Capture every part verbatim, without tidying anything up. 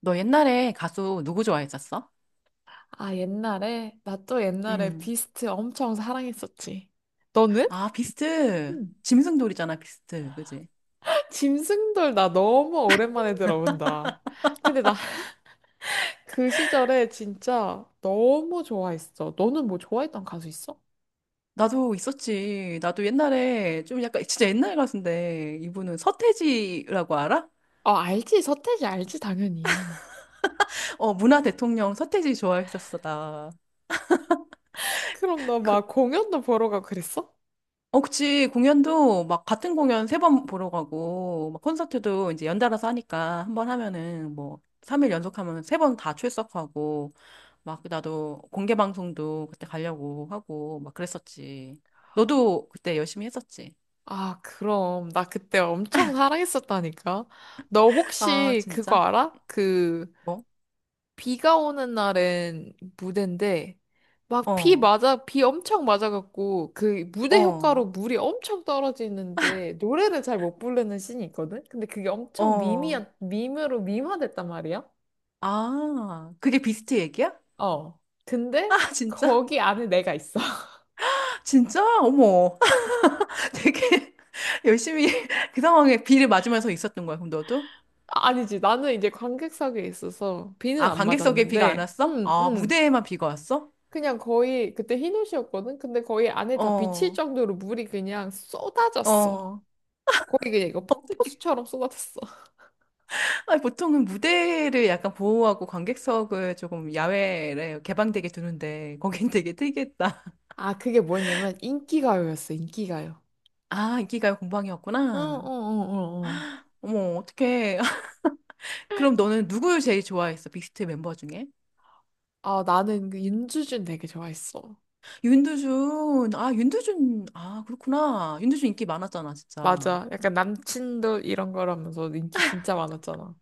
너 옛날에 가수 누구 좋아했었어? 아, 옛날에? 나 또 옛날에 음. 비스트 엄청 사랑했었지. 너는? 아, 비스트. 음. 짐승돌이잖아, 비스트. 그지? 짐승돌 나 너무 오랜만에 들어본다. 근데 나 그 시절에 진짜 너무 좋아했어. 너는 뭐 좋아했던 가수 있어? 나도 있었지. 나도 옛날에 좀 약간 진짜 옛날 가수인데 이분은 서태지라고 알아? 아, 알지. 서태지 알지, 당연히. 어, 문화 대통령 서태지 좋아했었어, 나. 그럼 너 그 막 공연도 보러 가고 그랬어? 어, 그치. 공연도 막 같은 공연 세 번 보러 가고, 막 콘서트도 이제 연달아서 하니까 한 번 하면은 뭐, 삼 일 연속하면 세 번 다 출석하고, 막 나도 공개 방송도 그때 가려고 하고, 막 그랬었지. 너도 그때 열심히 했었지. 아, 그럼. 나 그때 엄청 사랑했었다니까. 너 아, 혹시 그거 진짜? 알아? 그... 뭐? 비가 오는 날엔 무대인데 막 비 어, 맞아 비 엄청 맞아갖고 그 무대 어, 효과로 물이 엄청 떨어지는데 노래를 잘 못 부르는 씬이 있거든. 근데 그게 엄청 어. 밈이야 밈으로 밈화됐단 말이야. 아, 그게 비스트 얘기야? 어. 근데 아, 진짜? 거기 안에 내가 있어. 진짜? 어머. 되게 열심히 그 상황에 비를 맞으면서 있었던 거야, 그럼 너도? 아니지, 나는 이제 관객석에 있어서 비는 아, 안 관객석에 비가 안 맞았는데 왔어? 음 아, 음. 무대에만 비가 왔어? 그냥 거의 그때 흰 옷이었거든. 근데 거의 안에 다 비칠 어, 정도로 물이 그냥 쏟아졌어. 어. 거기 그냥 이거 어떻게? 폭포수처럼 쏟아졌어. 아, 보통은 무대를 약간 보호하고 관객석을 조금 야외에 개방되게 두는데 거긴 되게 특이했다. 아, 그게 뭐였냐면 인기가요였어, 인기가요. 아, 인기가요 어, 어, 어, 공방이었구나. 어, 어. 어머, 어떡해. 그럼 너는 누구 제일 좋아했어? 빅스트 멤버 중에? 아, 나는 그 윤주준 되게 좋아했어. 윤두준. 아, 윤두준. 아, 그렇구나. 윤두준 인기 많았잖아, 진짜. 맞아. 약간 남친도 이런 거라면서 인기 진짜 많았잖아.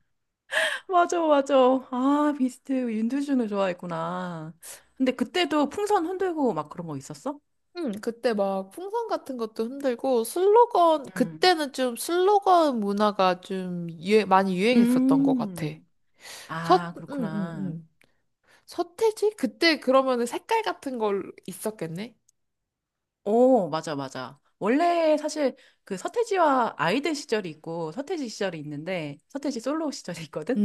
맞아, 맞아. 아, 비스트 윤두준을 좋아했구나. 근데 그때도 풍선 흔들고 막 그런 거 있었어? 응, 그때 막 풍선 같은 것도 흔들고 슬로건, 음. 그때는 좀 슬로건 문화가 좀 유행, 많이 유행했었던 것 같아. 음. 서, 아, 응, 응, 그렇구나. 응. 서태지? 그때 그러면은 색깔 같은 걸 있었겠네? 오, 맞아, 맞아. 원래 사실 그 서태지와 아이들 시절이 있고 서태지 시절이 있는데 서태지 솔로 시절이 있거든?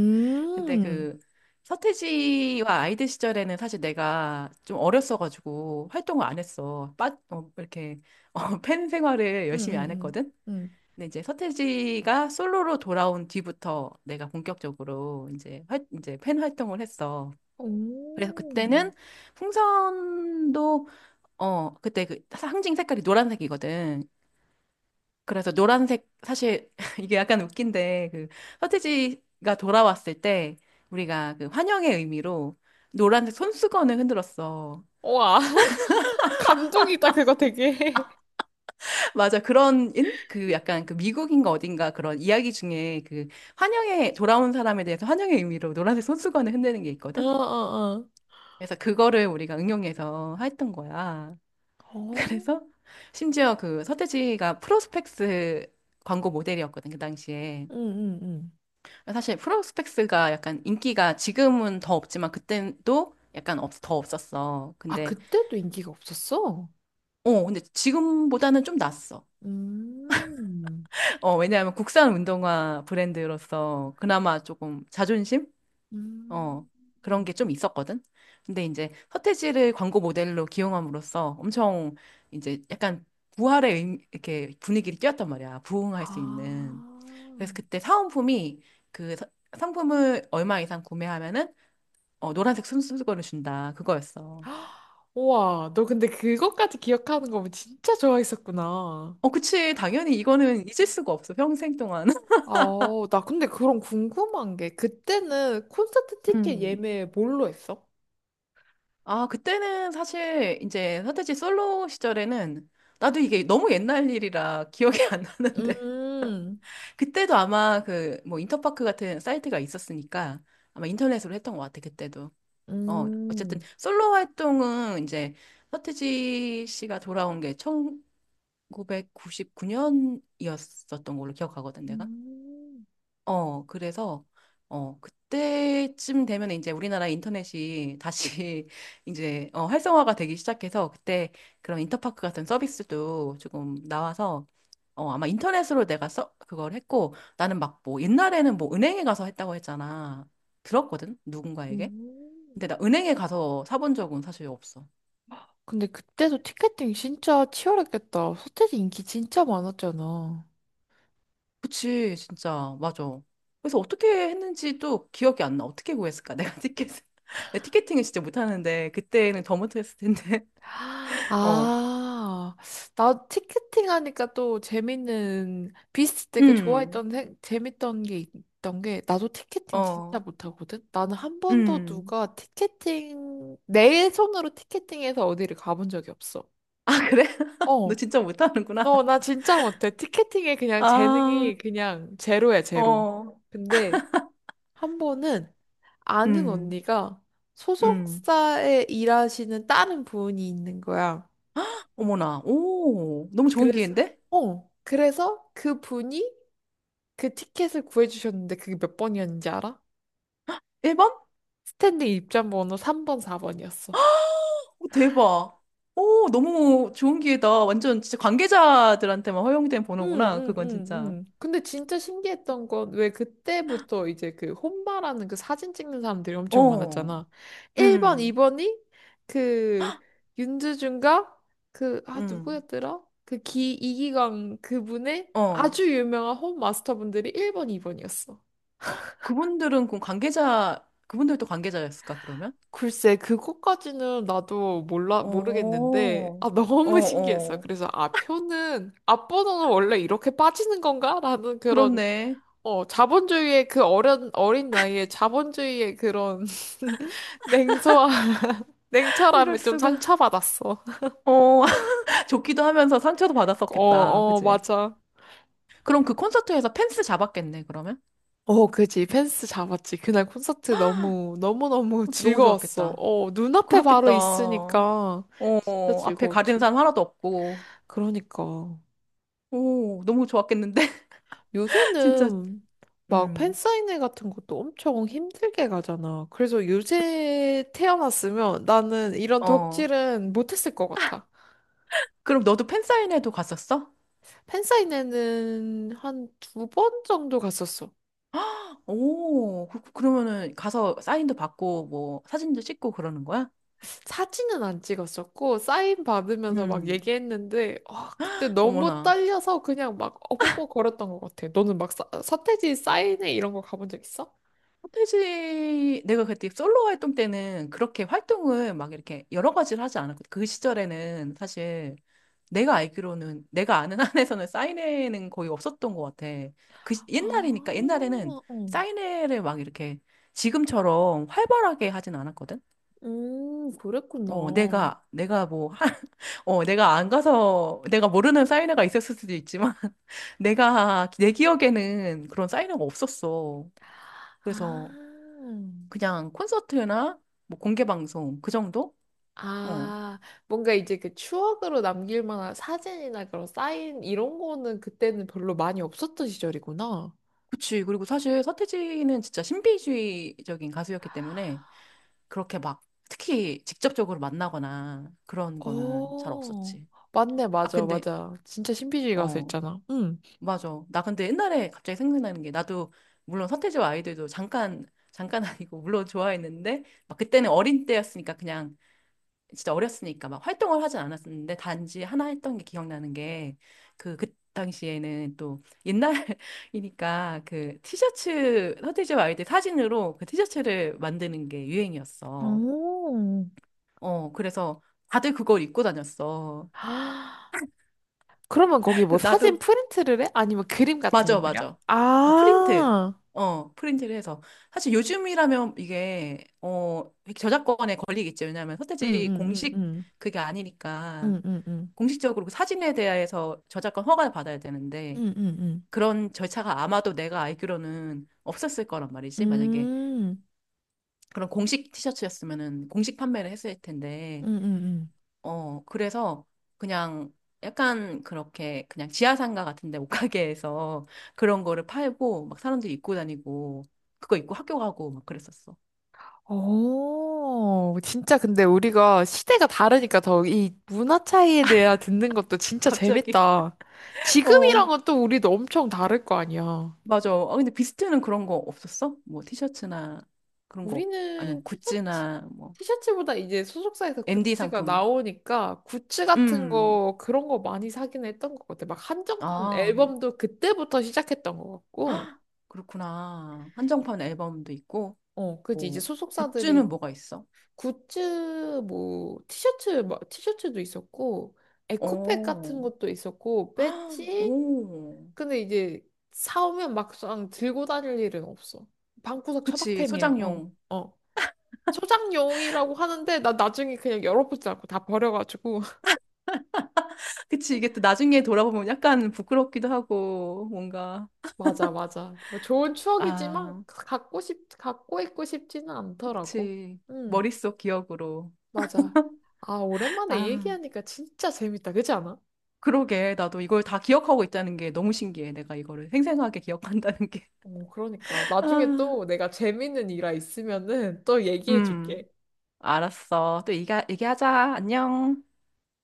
근데 그 서태지와 아이들 시절에는 사실 내가 좀 어렸어가지고 활동을 안 했어. 빠, 어, 이렇게 어, 팬 생활을 응, 열심히 응, 안 응, 했거든? 응. 근데 이제 서태지가 솔로로 돌아온 뒤부터 내가 본격적으로 이제 활, 이제 팬 활동을 했어. 오. 그래서 그때는 풍선도 어 그때 그 상징 색깔이 노란색이거든. 그래서 노란색 사실 이게 약간 웃긴데 그 서태지가 돌아왔을 때 우리가 그 환영의 의미로 노란색 손수건을 흔들었어. 우와. 감동이다, 그거 되게. 맞아. 그런, 인? 그 약간 그 미국인가 어딘가 그런 이야기 중에 그 환영에, 돌아온 사람에 대해서 환영의 의미로 노란색 손수건을 흔드는 게 어, 있거든? 어, 어? 그래서 그거를 우리가 응용해서 했던 거야. 어. 그래서 심지어 그 서태지가 프로스펙스 광고 모델이었거든, 그 당시에. 응, 응, 응. 사실 프로스펙스가 약간 인기가 지금은 더 없지만 그땐 또 약간 없, 더 없었어. 아, 근데, 그때도 인기가 없었어? 어, 근데 지금보다는 좀 낫어. 음, 어, 왜냐하면 국산 운동화 브랜드로서 그나마 조금 자존심? 어, 음. 그런 게 좀 있었거든. 근데 이제 서태지를 광고 모델로 기용함으로써 엄청 이제 약간 부활의 의- 이렇게 분위기를 띄웠단 말이야. 부흥할 수 아. 있는. 그래서 그때 사은품이 그 사- 상품을 얼마 이상 구매하면은 어, 노란색 손수건을 준다. 그거였어. 우와, 너 근데 그것까지 기억하는 거면 진짜 좋아했었구나. 어, 그치. 당연히 이거는 잊을 수가 없어. 평생 동안. 아, 나 근데 그런 궁금한 게, 그때는 콘서트 티켓 음. 예매 뭘로 했어? 아, 그때는 사실 이제 서태지 솔로 시절에는 나도 이게 너무 옛날 일이라 기억이 안 나는데 음, 그때도 아마 그 뭐 인터파크 같은 사이트가 있었으니까 아마 인터넷으로 했던 것 같아, 그때도. 어, 어쨌든 음. 솔로 활동은 이제 서태지 씨가 돌아온 게 천구백구십구 년이었었던 걸로 기억하거든, 내가. 음, 어, 그래서, 어, 그때쯤 되면 이제 우리나라 인터넷이 다시 이제, 어, 활성화가 되기 시작해서 그때 그런 인터파크 같은 서비스도 조금 나와서, 어, 아마 인터넷으로 내가 써, 그걸 했고, 나는 막 뭐, 옛날에는 뭐 은행에 가서 했다고 했잖아. 들었거든? 누군가에게. 음. 근데 나 은행에 가서 사본 적은 사실 없어. 근데 그때도 티켓팅 진짜 치열했겠다. 소태지 인기 진짜 많았잖아. 그치, 진짜. 맞아. 그래서 어떻게 했는지도 기억이 안 나. 어떻게 구했을까? 내가 티켓을. 내 티켓팅을 진짜 못하는데, 그때는 더 못했을 텐데. 어, 아, 나 티켓팅 하니까 또 재밌는, 비스트 되게 음, 좋아했던, 생- 재밌던 게 있던 게, 나도 티켓팅 진짜 어, 못하거든? 나는 한 번도 음. 누가 티켓팅, 내 손으로 티켓팅해서 어디를 가본 적이 없어. 아, 그래? 너 어, 진짜 못하는구나. 어, 나 진짜 못해. 티켓팅에 그냥 아, 재능이 그냥 제로야, 제로. 어, 근데 한 번은 아는 음, 언니가 음. 소속사에 일하시는 다른 분이 있는 거야. 어머나. 오, 너무 좋은 그래서, 기회인데? 어, 그래서 그 분이 그 티켓을 구해주셨는데 그게 몇 번이었는지 알아? 일 번? 스탠딩 입장 번호 삼 번, 사 번이었어. 오, 대박. 오, 너무 좋은 기회다. 완전 진짜 관계자들한테만 허용된 응, 번호구나. 응, 그건 응, 진짜. 응. 근데 진짜 신기했던 건 왜 그때부터 이제 그 혼바라는 그 사진 찍는 사람들이 엄청 어, 많았잖아. 일 번, 음. 이 번이 그 윤주준과 그, 아, 음. 누구였더라? 그 기, 이기광 그분의 어. 아주 유명한 홈 마스터분들이 일 번, 이 번이었어. 그분들은 그럼 관계자, 그분들도 관계자였을까, 그러면? 글쎄, 그것까지는 나도 몰라, 모르겠는데, 어, 아, 어, 너무 신기했어. 어. 그래서, 아, 표는, 앞번호는 원래 이렇게 빠지는 건가? 라는 그런 그렇네. 어, 자본주의의 그 어린, 어린 나이에 자본주의의 그런 냉소와, 이럴 냉철함에 좀 수가. 상처받았어. 어, 좋기도 하면서 상처도 어, 받았었겠다. 어, 그지? 맞아. 그럼 그 콘서트에서 펜스 잡았겠네, 그러면? 어, 그지. 펜스 잡았지. 그날 콘서트 너무, 너무너무 어, 너무 즐거웠어. 좋았겠다. 어, 눈앞에 바로 그렇겠다. 어, 있으니까 진짜 앞에 가리는 즐거웠지. 사람 하나도 없고. 그러니까. 오, 너무 좋았겠는데? 진짜. 요새는 막 음, 팬사인회 같은 것도 엄청 힘들게 가잖아. 그래서 요새 태어났으면 나는 이런 어. 덕질은 못했을 것 같아. 그럼 너도 팬사인회도 갔었어? 팬사인회는 한 두 번 정도 갔었어. 오, 그, 그- 그러면은 가서 사인도 받고 뭐 사진도 찍고 그러는 거야? 사진은 안 찍었었고, 사인 받으면서 막 음. 얘기했는데, 아, 그때 너무 어머나. 떨려서 그냥 막 어버버 걸었던 것 같아. 너는 막 사, 서태지 사인회 이런 거 가본 적 있어? 서태지 내가 그때 솔로 활동 때는 그렇게 활동을 막 이렇게 여러 가지를 하지 않았거든. 그 시절에는 사실 내가 알기로는 내가 아는 한에서는 사인회는 거의 없었던 것 같아. 그 시- 옛날이니까 옛날에는 아, 응. 사인회를 막 이렇게 지금처럼 활발하게 하진 않았거든. 음, 어, 그랬구나. 내가 내가 뭐 어, 내가 안 가서, 내가 모르는 사인회가 있었을 수도 있지만, 내가, 내 기억에는 그런 사인회가 없었어. 아, 그래서 그냥 콘서트나 뭐 공개 방송, 그 정도? 어, 아, 뭔가 이제 그 추억으로 남길 만한 사진이나 그런 사인 이런 거는 그때는 별로 많이 없었던 시절이구나. 그치. 그리고 사실 서태지는 진짜 신비주의적인 가수였기 때문에, 그렇게 막, 특히 직접적으로 만나거나 그런 거는 잘 오, 없었지. 맞네, 아, 맞아, 근데, 맞아. 진짜 신비주의 가수 어, 있잖아. 응. 맞아. 나 근데 옛날에 갑자기 생각나는 게 나도 물론 서태지와 아이들도 잠깐 잠깐 아니고 물론 좋아했는데 막 그때는 어린 때였으니까 그냥 진짜 어렸으니까 막 활동을 하진 않았었는데 단지 하나 했던 게 기억나는 게 그 그 당시에는 또 옛날이니까 그 티셔츠 서태지와 아이들 사진으로 그 티셔츠를 만드는 게 유행이었어. 오. 어 그래서 다들 그걸 입고 다녔어. 아, 그러면 거기 뭐 사진 나도 프린트를 해? 아니면 그림 같은 거 맞아, 그려? 맞아. 아, 프린트. 아, 어, 프린트를 해서. 사실 요즘이라면 이게, 어, 저작권에 걸리겠죠. 왜냐하면 응, 응, 서태지 응, 공식 응, 그게 아니니까. 응, 응, 응, 공식적으로 그 사진에 대해서 저작권 허가를 받아야 되는데, 응, 응, 응, 그런 절차가 아마도 내가 알기로는 없었을 거란 말이지. 만약에 음. 그런 공식 티셔츠였으면은 공식 판매를 했을 텐데, 응, 응, 응. 어, 그래서 그냥 약간 그렇게 그냥 지하상가 같은데 옷가게에서 그런 거를 팔고 막 사람들이 입고 다니고 그거 입고 학교 가고 막 그랬었어. 오, 진짜 근데 우리가 시대가 다르니까 더 이 문화 차이에 대해 듣는 것도 진짜 갑자기. 재밌다. 어, 지금이랑은 또 우리도 엄청 다를 거 아니야. 맞아. 아, 근데 비스트는 그런 거 없었어? 뭐 티셔츠나 그런 거 없- 아니면 우리는 티셔츠, 굿즈나 뭐 티셔츠보다 이제 소속사에서 엠디 굿즈가 상품. 나오니까 굿즈 같은 음. 거, 그런 거 많이 사긴 했던 것 같아. 막 한정판 아. 앨범도 그때부터 시작했던 것 같고. 헉, 그렇구나. 한정판 앨범도 있고 어, 그지. 이제 뭐 굿즈는 소속사들이 뭐가 있어? 굿즈, 뭐, 티셔츠, 막 티셔츠도 있었고, 에코백 같은 오. 것도 있었고, 아, 배지? 오. 근데 이제 사오면 막상 들고 다닐 일은 없어. 방구석 그치, 처박템이야. 어, 소장용. 어. 소장용이라고 하는데 나 나중에 그냥 열어보지 않고 다 버려가지고 그치, 이게 또 나중에 돌아보면 약간 부끄럽기도 하고, 뭔가, 맞아, 맞아, 뭐 좋은 추억이지만 아, 갖고 싶 갖고 있고 싶지는 않더라고. 그치. 응, 머릿속 기억으로. 맞아. 아, 오랜만에 아, 얘기하니까 진짜 재밌다. 그렇지 않아? 그러게. 나도 이걸 다 기억하고 있다는 게 너무 신기해. 내가 이거를 생생하게 기억한다는 게. 어, 그러니까 나중에 아, 또 내가 재밌는 일화 있으면은 또 음, 얘기해줄게. 알았어. 또 얘기, 얘기하자. 안녕.